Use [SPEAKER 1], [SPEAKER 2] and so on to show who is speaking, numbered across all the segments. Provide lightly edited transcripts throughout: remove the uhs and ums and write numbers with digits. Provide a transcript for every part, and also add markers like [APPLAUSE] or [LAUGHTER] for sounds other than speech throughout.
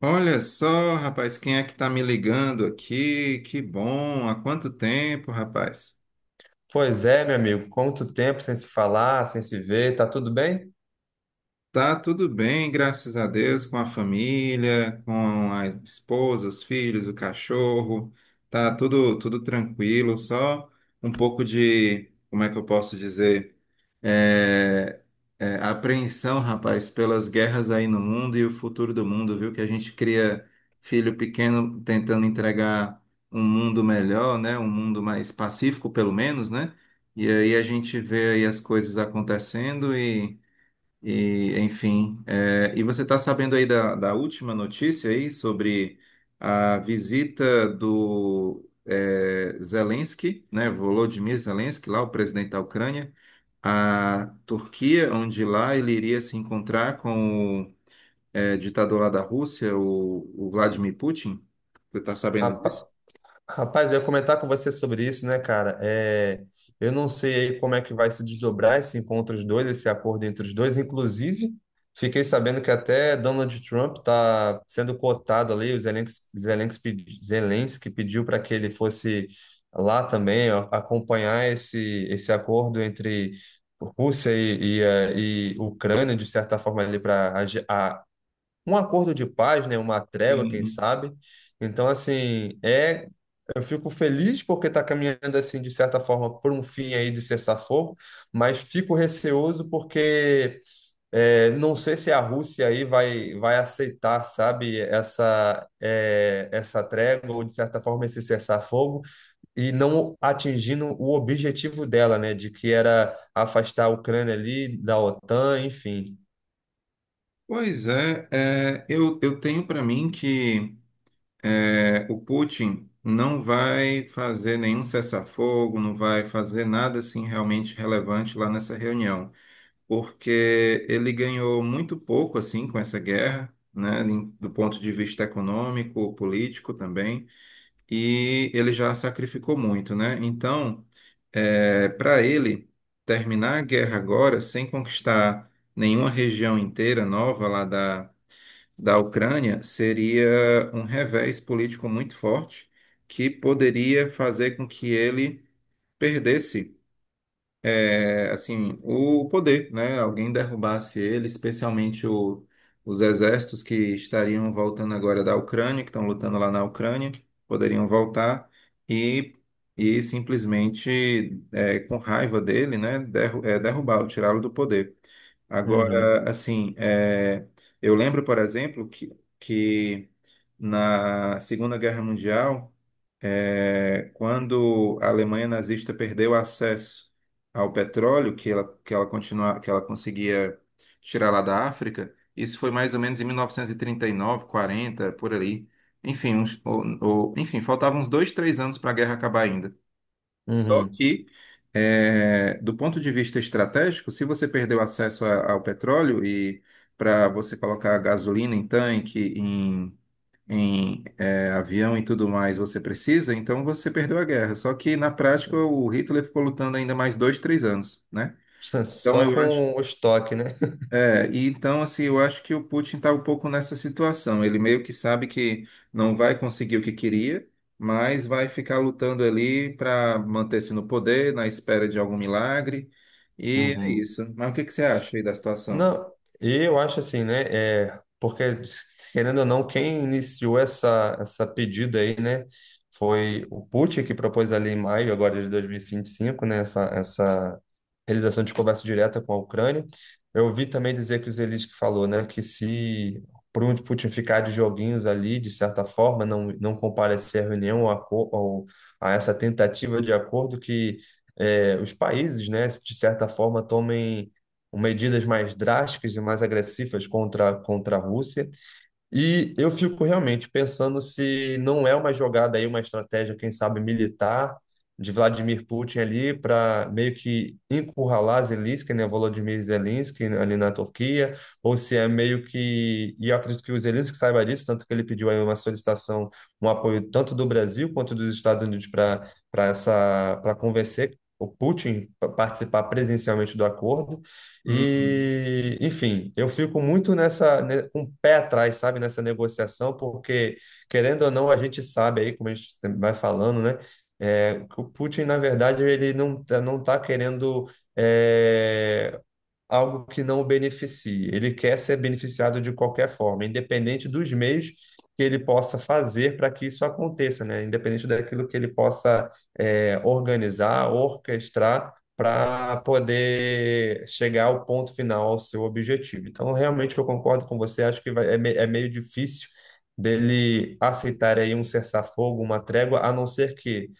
[SPEAKER 1] Olha só, rapaz, quem é que tá me ligando aqui? Que bom, há quanto tempo, rapaz?
[SPEAKER 2] Pois é, meu amigo, quanto tempo sem se falar, sem se ver, tá tudo bem?
[SPEAKER 1] Tá tudo bem, graças a Deus, com a família, com a esposa, os filhos, o cachorro. Tá tudo tranquilo, só um pouco de, como é que eu posso dizer, é, apreensão, rapaz, pelas guerras aí no mundo e o futuro do mundo, viu? Que a gente cria filho pequeno tentando entregar um mundo melhor, né? Um mundo mais pacífico, pelo menos, né? E aí a gente vê aí as coisas acontecendo enfim, e você está sabendo aí da, última notícia aí sobre a visita do Zelensky, né, Volodymyr Zelensky, lá o presidente da Ucrânia, à Turquia, onde lá ele iria se encontrar com o ditador lá da Rússia, o Vladimir Putin. Você está sabendo disso?
[SPEAKER 2] Rapa- Rapaz, eu ia comentar com você sobre isso, né, cara? Eu não sei aí como é que vai se desdobrar esse encontro dos dois, esse acordo entre os dois. Inclusive, fiquei sabendo que até Donald Trump tá sendo cotado ali, o Zelensky pediu para que ele fosse lá também ó, acompanhar esse acordo entre. Rússia e Ucrânia, de certa forma, ali para um acordo de paz, né? Uma trégua, quem
[SPEAKER 1] Sim.
[SPEAKER 2] sabe. Então, assim, eu fico feliz porque está caminhando, assim, de certa forma, por um fim aí de cessar-fogo, mas fico receoso porque não sei se a Rússia aí vai aceitar, sabe, essa trégua ou, de certa forma, esse cessar-fogo e não atingindo o objetivo dela, né, de que era afastar a Ucrânia ali da OTAN, enfim.
[SPEAKER 1] Pois é, eu tenho para mim que o Putin não vai fazer nenhum cessar-fogo, não vai fazer nada assim realmente relevante lá nessa reunião, porque ele ganhou muito pouco assim com essa guerra, né, do ponto de vista econômico, político também, e ele já sacrificou muito, né? Então, para ele terminar a guerra agora sem conquistar nenhuma região inteira nova lá da Ucrânia seria um revés político muito forte que poderia fazer com que ele perdesse assim, o poder, né? Alguém derrubasse ele, especialmente os exércitos que estariam voltando agora da Ucrânia, que estão lutando lá na Ucrânia, poderiam voltar e, e simplesmente, com raiva dele, né? Derrubá-lo, tirá-lo do poder.
[SPEAKER 2] Uhum,
[SPEAKER 1] Agora, assim, eu lembro, por exemplo, que na Segunda Guerra Mundial quando a Alemanha nazista perdeu acesso ao petróleo que ela conseguia tirar lá da África. Isso foi mais ou menos em 1939, 40, por ali. Enfim, enfim, faltavam uns 2, 3 anos para a guerra acabar ainda. Só
[SPEAKER 2] uhum.
[SPEAKER 1] que, do ponto de vista estratégico, se você perdeu acesso ao petróleo e para você colocar gasolina em tanque, em avião e tudo mais você precisa, então você perdeu a guerra. Só que na prática o Hitler ficou lutando ainda mais 2, 3 anos, né?
[SPEAKER 2] [LAUGHS]
[SPEAKER 1] Então
[SPEAKER 2] Só
[SPEAKER 1] eu acho,
[SPEAKER 2] com o estoque, né?
[SPEAKER 1] e então assim eu acho que o Putin está um pouco nessa situação. Ele meio que sabe que não vai conseguir o que queria, mas vai ficar lutando ali para manter-se no poder, na espera de algum milagre. E é
[SPEAKER 2] Uhum.
[SPEAKER 1] isso. Mas o que que você acha aí da situação?
[SPEAKER 2] Não, eu acho assim, né? É, porque, querendo ou não, quem iniciou essa pedida aí, né? Foi o Putin que propôs ali em maio, agora de 2025, né? Essa realização de conversa direta com a Ucrânia. Eu ouvi também dizer que o Zelensky falou, né? Que se por um Putin ficar de joguinhos ali, de certa forma, não comparecer à reunião ou ou a essa tentativa de acordo que os países, né? De certa forma, tomem com medidas mais drásticas e mais agressivas contra a Rússia. E eu fico realmente pensando se não é uma jogada aí, uma estratégia, quem sabe, militar de Vladimir Putin ali para meio que encurralar Zelensky, né, Volodymyr Zelensky ali na Turquia, ou se é meio que, e eu acredito que o Zelensky saiba disso, tanto que ele pediu aí uma solicitação, um apoio tanto do Brasil quanto dos Estados Unidos para convencer o Putin a participar presencialmente do acordo.
[SPEAKER 1] Uhum.
[SPEAKER 2] E, enfim, eu fico muito nessa, né, com o pé atrás, sabe, nessa negociação, porque, querendo ou não, a gente sabe aí, como a gente vai falando, né, que o Putin, na verdade, ele não, tá- não está querendo eh, algo que não o beneficie. Ele quer ser beneficiado de qualquer forma, independente dos meios que ele possa fazer para que isso aconteça, né? Independente daquilo que ele possa organizar, orquestrar para poder chegar ao ponto final, ao seu objetivo. Então, realmente eu concordo com você, acho que é meio difícil dele aceitar aí um cessar-fogo, uma trégua, a não ser que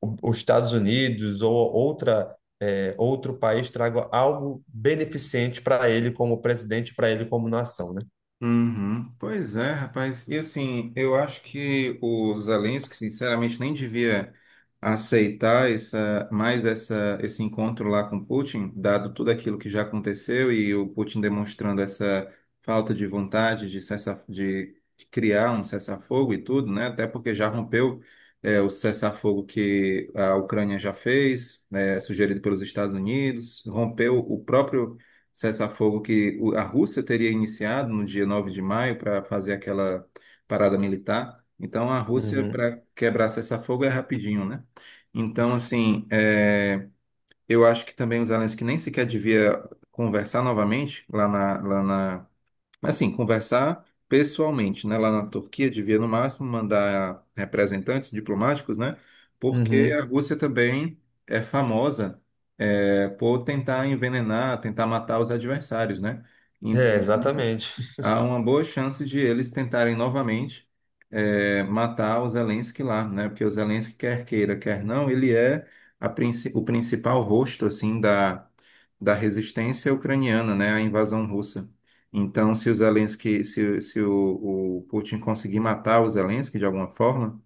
[SPEAKER 2] os Estados Unidos ou outro país traga algo beneficente para ele como presidente, para ele como nação, né?
[SPEAKER 1] Uhum. Pois é, rapaz. E assim, eu acho que o Zelensky, sinceramente, nem devia aceitar esse encontro lá com Putin, dado tudo aquilo que já aconteceu e o Putin demonstrando essa falta de vontade de criar um cessar-fogo e tudo, né? Até porque já rompeu, o cessar-fogo que a Ucrânia já fez, né, sugerido pelos Estados Unidos, rompeu o próprio cessar-fogo que a Rússia teria iniciado no dia 9 de maio para fazer aquela parada militar. Então, a Rússia,
[SPEAKER 2] Uhum,
[SPEAKER 1] para quebrar cessar-fogo, é rapidinho, né? Então, assim, eu acho que também os Zelensky nem sequer devia conversar novamente lá na mas assim, conversar pessoalmente, né? Lá na Turquia, devia no máximo mandar representantes diplomáticos, né? Porque
[SPEAKER 2] uhum.
[SPEAKER 1] a Rússia também é famosa por tentar envenenar, tentar matar os adversários, né? Então,
[SPEAKER 2] É, exatamente.
[SPEAKER 1] há uma boa chance de eles tentarem novamente matar o Zelensky lá, né? Porque o Zelensky, quer queira, quer não, ele é o principal rosto, assim, da, resistência ucraniana, né? A invasão russa. Então, se o Putin conseguir matar o Zelensky de alguma forma,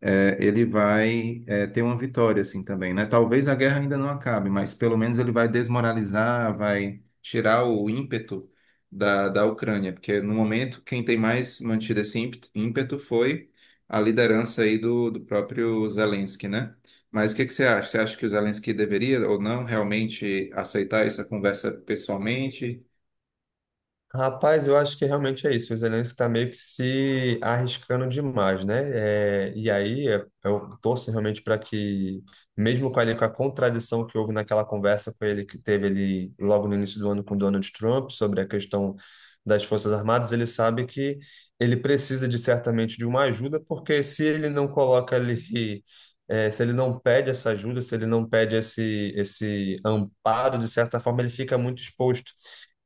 [SPEAKER 1] ele vai ter uma vitória assim também, né? Talvez a guerra ainda não acabe, mas pelo menos ele vai desmoralizar, vai tirar o ímpeto da, Ucrânia, porque no momento quem tem mais mantido esse ímpeto foi a liderança aí do, próprio Zelensky, né? Mas o que que você acha? Você acha que o Zelensky deveria ou não realmente aceitar essa conversa pessoalmente?
[SPEAKER 2] Rapaz, eu acho que realmente é isso. O Zelensky está meio que se arriscando demais, né? É, e aí é, eu torço realmente para que, mesmo com, ele, com a contradição que houve naquela conversa com ele que teve ali logo no início do ano com Donald Trump sobre a questão das Forças Armadas, ele sabe que ele precisa de certamente de uma ajuda, porque se ele não coloca ali É, se ele não pede essa ajuda, se ele não pede esse amparo, de certa forma, ele fica muito exposto.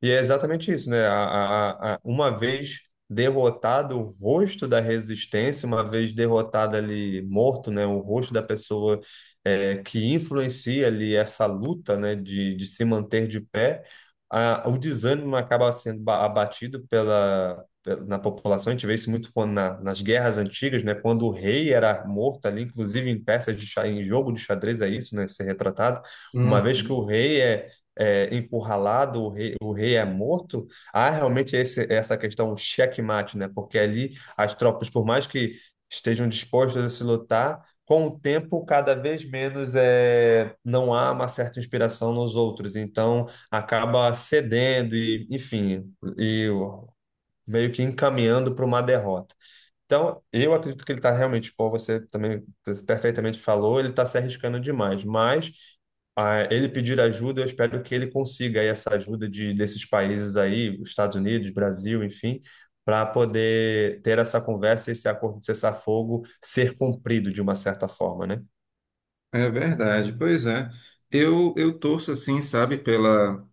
[SPEAKER 2] E é exatamente isso, né? Uma vez derrotado o rosto da resistência, uma vez derrotado ali, morto, né? O rosto da pessoa que influencia ali essa luta, né? De se manter de pé, o desânimo acaba sendo abatido na população. A gente vê isso muito quando nas guerras antigas, né? Quando o rei era morto ali, inclusive em peças de xadrez, em jogo de xadrez é isso, né? Ser retratado. Uma vez que
[SPEAKER 1] Uhum.
[SPEAKER 2] o rei é encurralado, o rei é morto, há realmente essa questão checkmate, né? Porque ali as tropas, por mais que estejam dispostas a se lutar, com o tempo cada vez menos não há uma certa inspiração nos outros, então acaba cedendo e, enfim, e meio que encaminhando para uma derrota. Então, eu acredito que ele está realmente, como você também perfeitamente falou, ele está se arriscando demais, mas ele pedir ajuda, eu espero que ele consiga aí essa ajuda desses países aí, Estados Unidos, Brasil, enfim, para poder ter essa conversa e esse acordo de cessar-fogo ser cumprido de uma certa forma, né?
[SPEAKER 1] É verdade, pois é. Eu torço assim, sabe,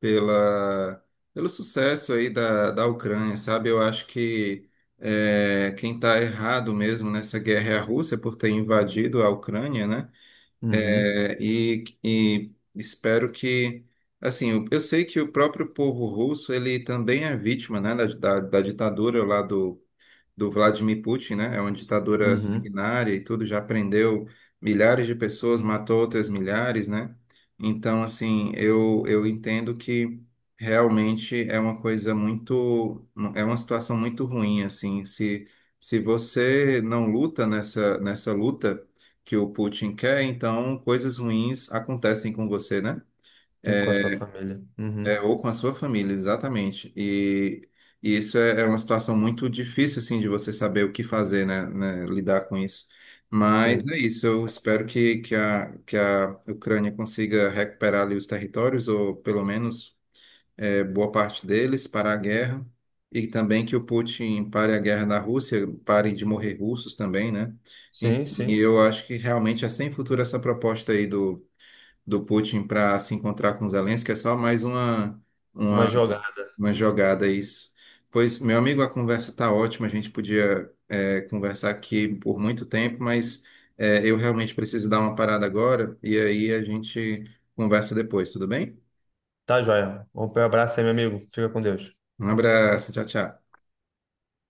[SPEAKER 1] pela, pelo sucesso aí da, Ucrânia, sabe? Eu acho que quem está errado mesmo nessa guerra é a Rússia por ter invadido a Ucrânia, né?
[SPEAKER 2] Uhum,
[SPEAKER 1] É. E espero que, assim, eu sei que o próprio povo russo, ele também é vítima, né, da, ditadura lá do Vladimir Putin, né? É uma ditadura
[SPEAKER 2] uhum.
[SPEAKER 1] sanguinária e tudo, já prendeu milhares de pessoas, matou outras milhares, né? Então, assim, eu entendo que realmente é uma situação muito ruim, assim, se você não luta nessa, luta que o Putin quer, então coisas ruins acontecem com você, né?
[SPEAKER 2] E com a sua família. Uhum.
[SPEAKER 1] É, ou com a sua família, exatamente. E isso é uma situação muito difícil, assim, de você saber o que fazer, né, lidar com isso. Mas é
[SPEAKER 2] Sim,
[SPEAKER 1] isso, eu espero que a Ucrânia consiga recuperar ali os territórios, ou pelo menos boa parte deles, parar a guerra. E também que o Putin pare a guerra na Rússia, parem de morrer russos também, né? Enfim,
[SPEAKER 2] sim, sim.
[SPEAKER 1] eu acho que realmente é sem futuro essa proposta aí do, Putin para se encontrar com Zelensky, é só mais uma
[SPEAKER 2] Uma jogada.
[SPEAKER 1] jogada, isso. Pois, meu amigo, a conversa tá ótima. A gente podia, conversar aqui por muito tempo, mas, eu realmente preciso dar uma parada agora. E aí a gente conversa depois, tudo bem?
[SPEAKER 2] Tá, joia. Um abraço aí, meu amigo. Fica com Deus.
[SPEAKER 1] Um abraço, tchau, tchau.